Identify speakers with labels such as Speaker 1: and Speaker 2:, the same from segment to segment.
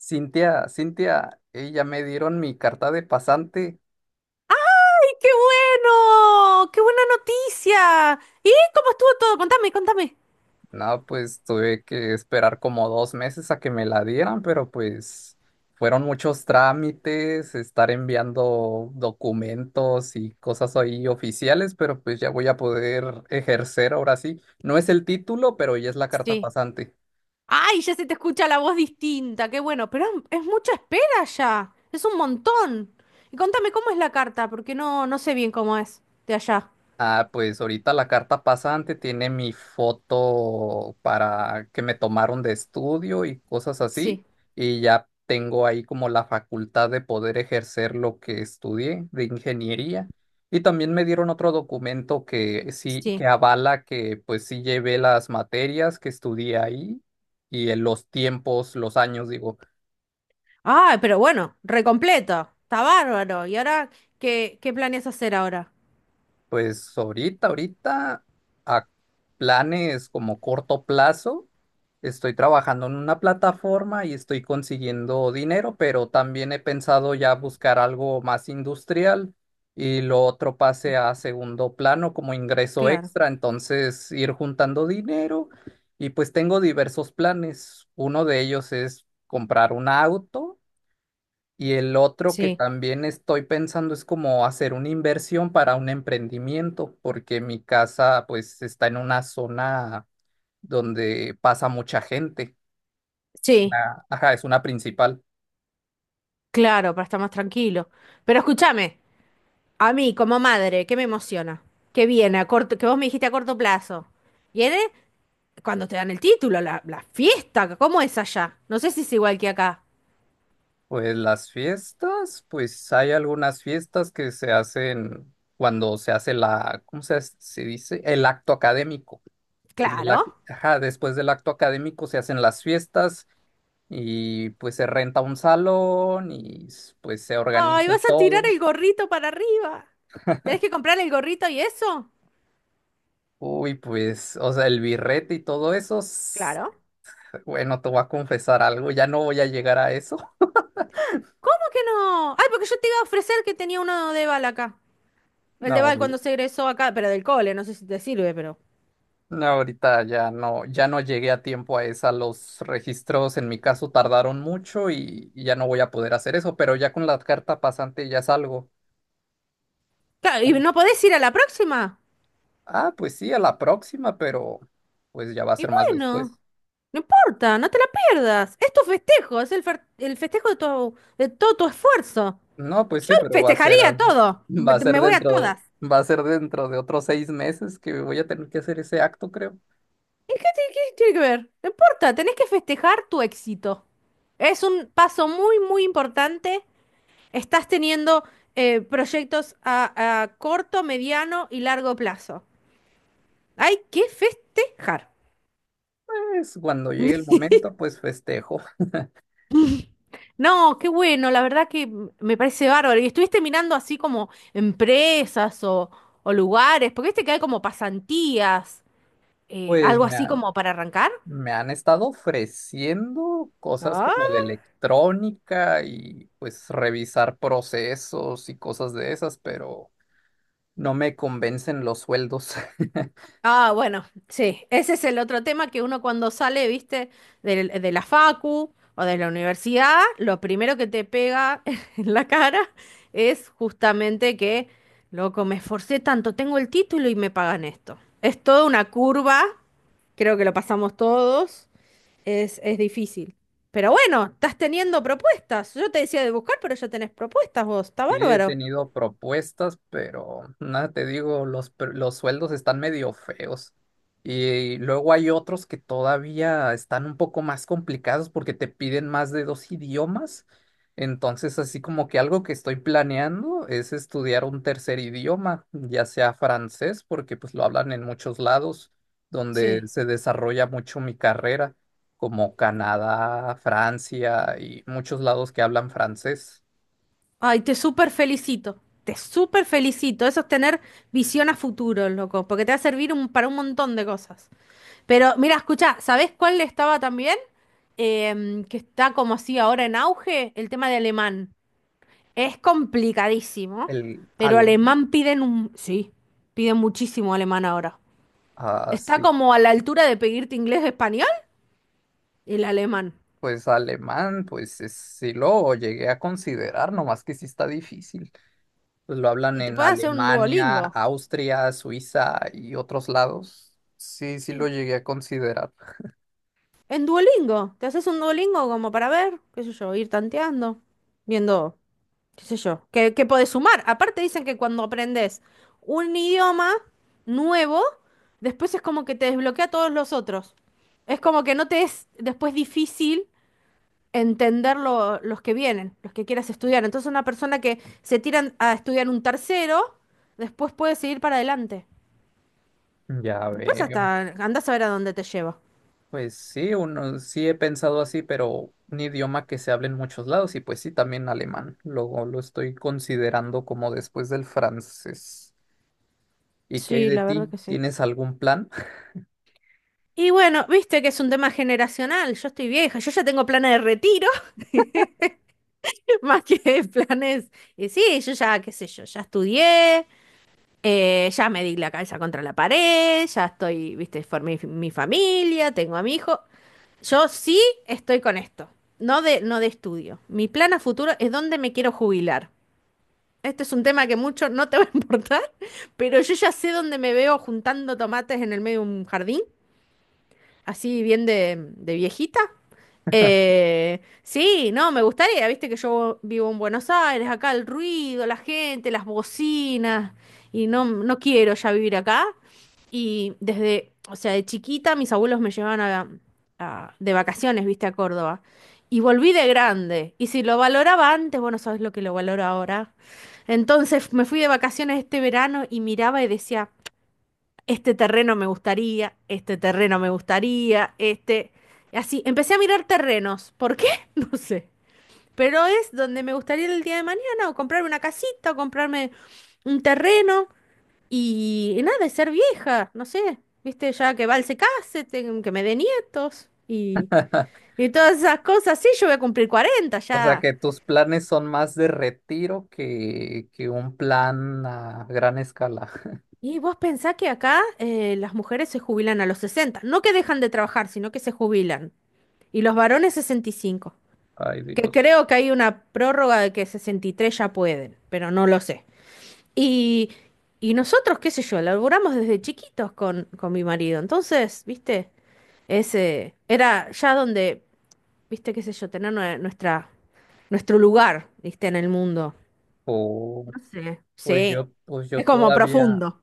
Speaker 1: Cintia, Cintia, ey, ya me dieron mi carta de pasante.
Speaker 2: ¡Ay, qué bueno! ¡Qué buena noticia! ¿Y cómo estuvo todo? Contame, contame.
Speaker 1: No, pues tuve que esperar como 2 meses a que me la dieran, pero pues fueron muchos trámites, estar enviando documentos y cosas ahí oficiales, pero pues ya voy a poder ejercer ahora sí. No es el título, pero ya es la carta
Speaker 2: Sí.
Speaker 1: pasante.
Speaker 2: ¡Ay, ya se te escucha la voz distinta! ¡Qué bueno! Pero es mucha espera ya. Es un montón. Y contame cómo es la carta, porque no, no sé bien cómo es de allá.
Speaker 1: Ah, pues ahorita la carta pasante tiene mi foto para que me tomaron de estudio y cosas así,
Speaker 2: Sí,
Speaker 1: y ya tengo ahí como la facultad de poder ejercer lo que estudié de ingeniería. Y también me dieron otro documento que sí, que
Speaker 2: sí.
Speaker 1: avala que pues sí llevé las materias que estudié ahí y en los tiempos, los años, digo.
Speaker 2: ¡Ah, pero bueno! Recompleto. Está bárbaro. ¿Y ahora qué planeas hacer ahora?
Speaker 1: Pues ahorita, a planes como corto plazo, estoy trabajando en una plataforma y estoy consiguiendo dinero, pero también he pensado ya buscar algo más industrial y lo otro
Speaker 2: Sí,
Speaker 1: pase a segundo plano como ingreso
Speaker 2: claro.
Speaker 1: extra, entonces ir juntando dinero y pues tengo diversos planes. Uno de ellos es comprar un auto. Y el otro que
Speaker 2: Sí,
Speaker 1: también estoy pensando es como hacer una inversión para un emprendimiento, porque mi casa pues está en una zona donde pasa mucha gente. Es
Speaker 2: sí.
Speaker 1: una, ajá, es una principal.
Speaker 2: Claro, para estar más tranquilo. Pero escúchame, a mí como madre, ¿qué me emociona? Que viene a corto, que vos me dijiste a corto plazo. Viene cuando te dan el título, la fiesta. ¿Cómo es allá? No sé si es igual que acá.
Speaker 1: Pues las fiestas, pues hay algunas fiestas que se hacen cuando se hace la, ¿cómo se dice? El acto académico. En el,
Speaker 2: Claro.
Speaker 1: ajá, después del acto académico se hacen las fiestas y pues se renta un salón y pues se
Speaker 2: ¡Ay,
Speaker 1: organiza
Speaker 2: vas a tirar
Speaker 1: todo.
Speaker 2: el gorrito para arriba! ¿Tenés que comprar el gorrito y eso?
Speaker 1: Uy, pues, o sea, el birrete y todo eso,
Speaker 2: Claro.
Speaker 1: bueno, te voy a confesar algo, ya no voy a llegar a eso.
Speaker 2: ¿Cómo que no? Ay, porque yo te iba a ofrecer que tenía uno de bal acá. El de
Speaker 1: No,
Speaker 2: bal cuando se egresó acá, pero del cole, no sé si te sirve, pero.
Speaker 1: no, ahorita ya no, ya no llegué a tiempo a esa. Los registros en mi caso tardaron mucho y ya no voy a poder hacer eso, pero ya con la carta pasante ya salgo.
Speaker 2: Claro, ¿y no podés ir a la próxima?
Speaker 1: Ah, pues sí, a la próxima, pero pues ya va a
Speaker 2: Y
Speaker 1: ser más después.
Speaker 2: bueno, no importa, no te la pierdas. Es tu festejo, es el festejo de tu, de todo tu esfuerzo.
Speaker 1: No, pues
Speaker 2: Yo
Speaker 1: sí, pero
Speaker 2: festejaría todo.
Speaker 1: va
Speaker 2: Me,
Speaker 1: a ser
Speaker 2: me voy a todas.
Speaker 1: va a ser dentro de otros 6 meses que voy a tener que hacer ese acto, creo.
Speaker 2: ¿Y qué tiene que ver? No importa, tenés que festejar tu éxito. Es un paso muy, muy importante. Estás teniendo proyectos a corto, mediano y largo plazo. Hay que festejar.
Speaker 1: Pues cuando llegue el momento, pues festejo.
Speaker 2: No, qué bueno, la verdad que me parece bárbaro. ¿Y estuviste mirando así como empresas o lugares? Porque viste que hay como pasantías,
Speaker 1: Pues
Speaker 2: algo así como para arrancar.
Speaker 1: me han estado ofreciendo cosas
Speaker 2: Ah,
Speaker 1: como de electrónica y pues revisar procesos y cosas de esas, pero no me convencen los sueldos.
Speaker 2: ah, bueno, sí, ese es el otro tema que uno cuando sale, viste, de la facu o de la universidad, lo primero que te pega en la cara es justamente que, loco, me esforcé tanto, tengo el título y me pagan esto. Es toda una curva, creo que lo pasamos todos. Es difícil. Pero bueno, estás teniendo propuestas. Yo te decía de buscar, pero ya tenés propuestas vos. Está
Speaker 1: Sí, he
Speaker 2: bárbaro.
Speaker 1: tenido propuestas, pero nada, te digo, los, los sueldos están medio feos. Y luego hay otros que todavía están un poco más complicados porque te piden más de 2 idiomas. Entonces, así como que algo que estoy planeando es estudiar un tercer idioma, ya sea francés, porque pues lo hablan en muchos lados donde
Speaker 2: Sí.
Speaker 1: se desarrolla mucho mi carrera, como Canadá, Francia y muchos lados que hablan francés.
Speaker 2: Ay, te súper felicito. Te súper felicito. Eso es tener visión a futuro, loco. Porque te va a servir para un montón de cosas. Pero mira, escucha, ¿sabés cuál estaba también? Que está como así ahora en auge. El tema de alemán. Es complicadísimo.
Speaker 1: El
Speaker 2: Pero
Speaker 1: alemán.
Speaker 2: alemán piden un... Sí, piden muchísimo alemán ahora.
Speaker 1: Ah,
Speaker 2: Está
Speaker 1: sí,
Speaker 2: como a la altura de pedirte inglés o español. El alemán.
Speaker 1: pues alemán, pues sí lo llegué a considerar, nomás que sí está difícil. Pues lo hablan
Speaker 2: Y te
Speaker 1: en
Speaker 2: puedes hacer un
Speaker 1: Alemania,
Speaker 2: Duolingo.
Speaker 1: Austria, Suiza y otros lados. Sí, sí lo
Speaker 2: Y-
Speaker 1: llegué a considerar.
Speaker 2: En Duolingo. Te haces un Duolingo como para ver, qué sé yo, ir tanteando, viendo, qué sé yo, qué podés sumar. Aparte dicen que cuando aprendes un idioma nuevo, después es como que te desbloquea todos los otros. Es como que no te es después difícil entender los que vienen, los que quieras estudiar. Entonces una persona que se tira a estudiar un tercero, después puede seguir para adelante.
Speaker 1: Ya
Speaker 2: Después hasta
Speaker 1: veo.
Speaker 2: andás a ver a dónde te lleva.
Speaker 1: Pues sí, uno sí he pensado así, pero un idioma que se habla en muchos lados y pues sí, también alemán. Luego lo estoy considerando como después del francés. ¿Y qué hay
Speaker 2: Sí,
Speaker 1: de
Speaker 2: la verdad
Speaker 1: ti?
Speaker 2: que sí.
Speaker 1: ¿Tienes algún plan?
Speaker 2: Y bueno, viste que es un tema generacional. Yo estoy vieja, yo ya tengo planes de retiro, más que planes. Y sí, yo ya, qué sé yo, ya estudié, ya me di la cabeza contra la pared, ya estoy, viste, formé mi familia, tengo a mi hijo. Yo sí estoy con esto, no de estudio. Mi plan a futuro es dónde me quiero jubilar. Este es un tema que mucho no te va a importar, pero yo ya sé dónde me veo juntando tomates en el medio de un jardín. Así bien de viejita. Sí, no, me gustaría, viste que yo vivo en Buenos Aires, acá el ruido, la gente, las bocinas, y no, no quiero ya vivir acá. Y desde, o sea, de chiquita mis abuelos me llevaban de vacaciones, viste, a Córdoba. Y volví de grande. Y si lo valoraba antes, bueno, sabes lo que lo valoro ahora. Entonces me fui de vacaciones este verano y miraba y decía, este terreno me gustaría, este terreno me gustaría, este... Y así, empecé a mirar terrenos. ¿Por qué? No sé. Pero es donde me gustaría ir el día de mañana, o comprarme una casita, o comprarme un terreno, y nada, y ser vieja, no sé. Viste, ya que Val se case, que me dé nietos, y todas esas cosas. Sí, yo voy a cumplir 40
Speaker 1: O sea
Speaker 2: ya.
Speaker 1: que tus planes son más de retiro que un plan a gran escala.
Speaker 2: Y vos pensás que acá las mujeres se jubilan a los 60. No que dejan de trabajar, sino que se jubilan. Y los varones 65.
Speaker 1: Ay,
Speaker 2: Que
Speaker 1: Dios.
Speaker 2: creo que hay una prórroga de que 63 ya pueden, pero no lo sé. Y, y nosotros, qué sé yo, laburamos desde chiquitos con mi marido. Entonces, viste, ese era ya donde, viste, qué sé yo, tener nuestro lugar, viste, en el mundo.
Speaker 1: Oh,
Speaker 2: No sé.
Speaker 1: pues
Speaker 2: Sí.
Speaker 1: yo,
Speaker 2: Es como profundo.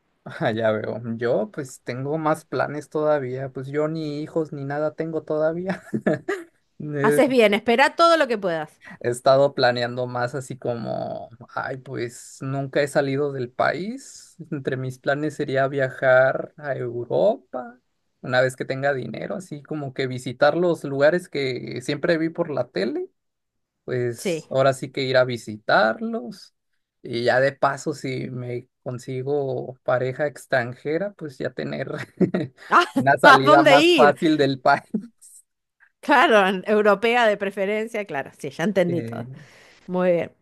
Speaker 1: ah, ya veo. Yo pues tengo más planes todavía. Pues yo ni hijos ni nada tengo todavía. Eh,
Speaker 2: Haces bien, espera todo lo que puedas.
Speaker 1: He estado planeando más así como, ay, pues nunca he salido del país. Entre mis planes sería viajar a Europa una vez que tenga dinero, así como que visitar los lugares que siempre vi por la tele,
Speaker 2: Sí.
Speaker 1: pues ahora sí que ir a visitarlos. Y ya de paso, si me consigo pareja extranjera, pues ya tener
Speaker 2: Ah,
Speaker 1: una
Speaker 2: ¿a
Speaker 1: salida
Speaker 2: dónde
Speaker 1: más
Speaker 2: ir?
Speaker 1: fácil del país.
Speaker 2: Claro, europea de preferencia, claro, sí, ya entendí
Speaker 1: Eh,
Speaker 2: todo. Muy bien.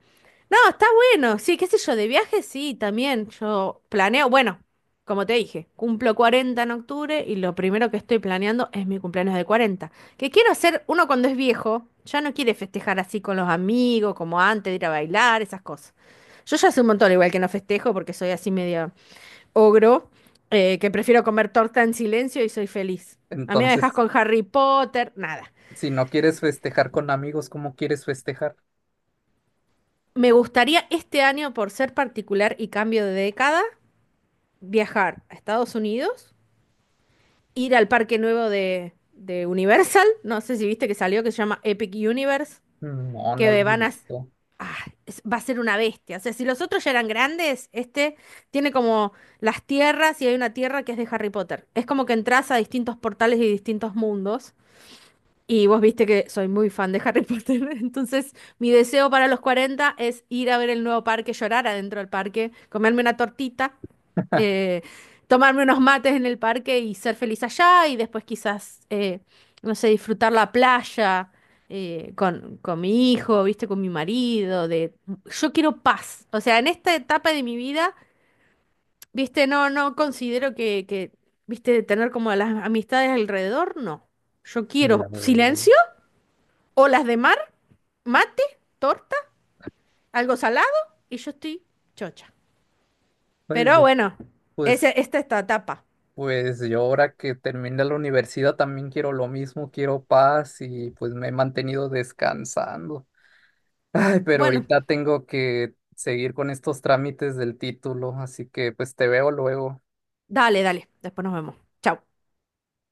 Speaker 2: No, está bueno. Sí, qué sé yo, de viaje sí, también. Yo planeo, bueno, como te dije, cumplo 40 en octubre y lo primero que estoy planeando es mi cumpleaños de 40. Que quiero hacer, uno cuando es viejo, ya no quiere festejar así con los amigos, como antes de ir a bailar, esas cosas. Yo ya hace un montón igual que no festejo porque soy así medio ogro, que prefiero comer torta en silencio y soy feliz. A mí me dejas
Speaker 1: entonces...
Speaker 2: con Harry Potter, nada.
Speaker 1: Si no quieres festejar con amigos, ¿cómo quieres festejar?
Speaker 2: Me gustaría este año, por ser particular y cambio de década, viajar a Estados Unidos, ir al parque nuevo de Universal, no sé si viste que salió, que se llama Epic Universe,
Speaker 1: No, no lo
Speaker 2: que
Speaker 1: he
Speaker 2: van a...
Speaker 1: visto.
Speaker 2: Ah, va a ser una bestia. O sea, si los otros ya eran grandes, este tiene como las tierras y hay una tierra que es de Harry Potter. Es como que entras a distintos portales y distintos mundos. Y vos viste que soy muy fan de Harry Potter. Entonces, mi deseo para los 40 es ir a ver el nuevo parque, llorar adentro del parque, comerme una tortita eh, tomarme unos mates en el parque y ser feliz allá y después quizás, no sé, disfrutar la playa con mi hijo, viste, con mi marido, de yo quiero paz. O sea, en esta etapa de mi vida, viste, no, no considero que viste, tener como las amistades alrededor, no. Yo
Speaker 1: Ya
Speaker 2: quiero
Speaker 1: veo.
Speaker 2: silencio, olas de mar, mate, torta, algo salado y yo estoy chocha.
Speaker 1: Pues
Speaker 2: Pero
Speaker 1: yo,
Speaker 2: bueno,
Speaker 1: pues,
Speaker 2: esa, esta es tu etapa.
Speaker 1: pues yo ahora que terminé la universidad también quiero lo mismo, quiero paz y pues me he mantenido descansando. Ay, pero
Speaker 2: Bueno.
Speaker 1: ahorita tengo que seguir con estos trámites del título, así que pues te veo luego.
Speaker 2: Dale, dale. Después nos vemos. Chao.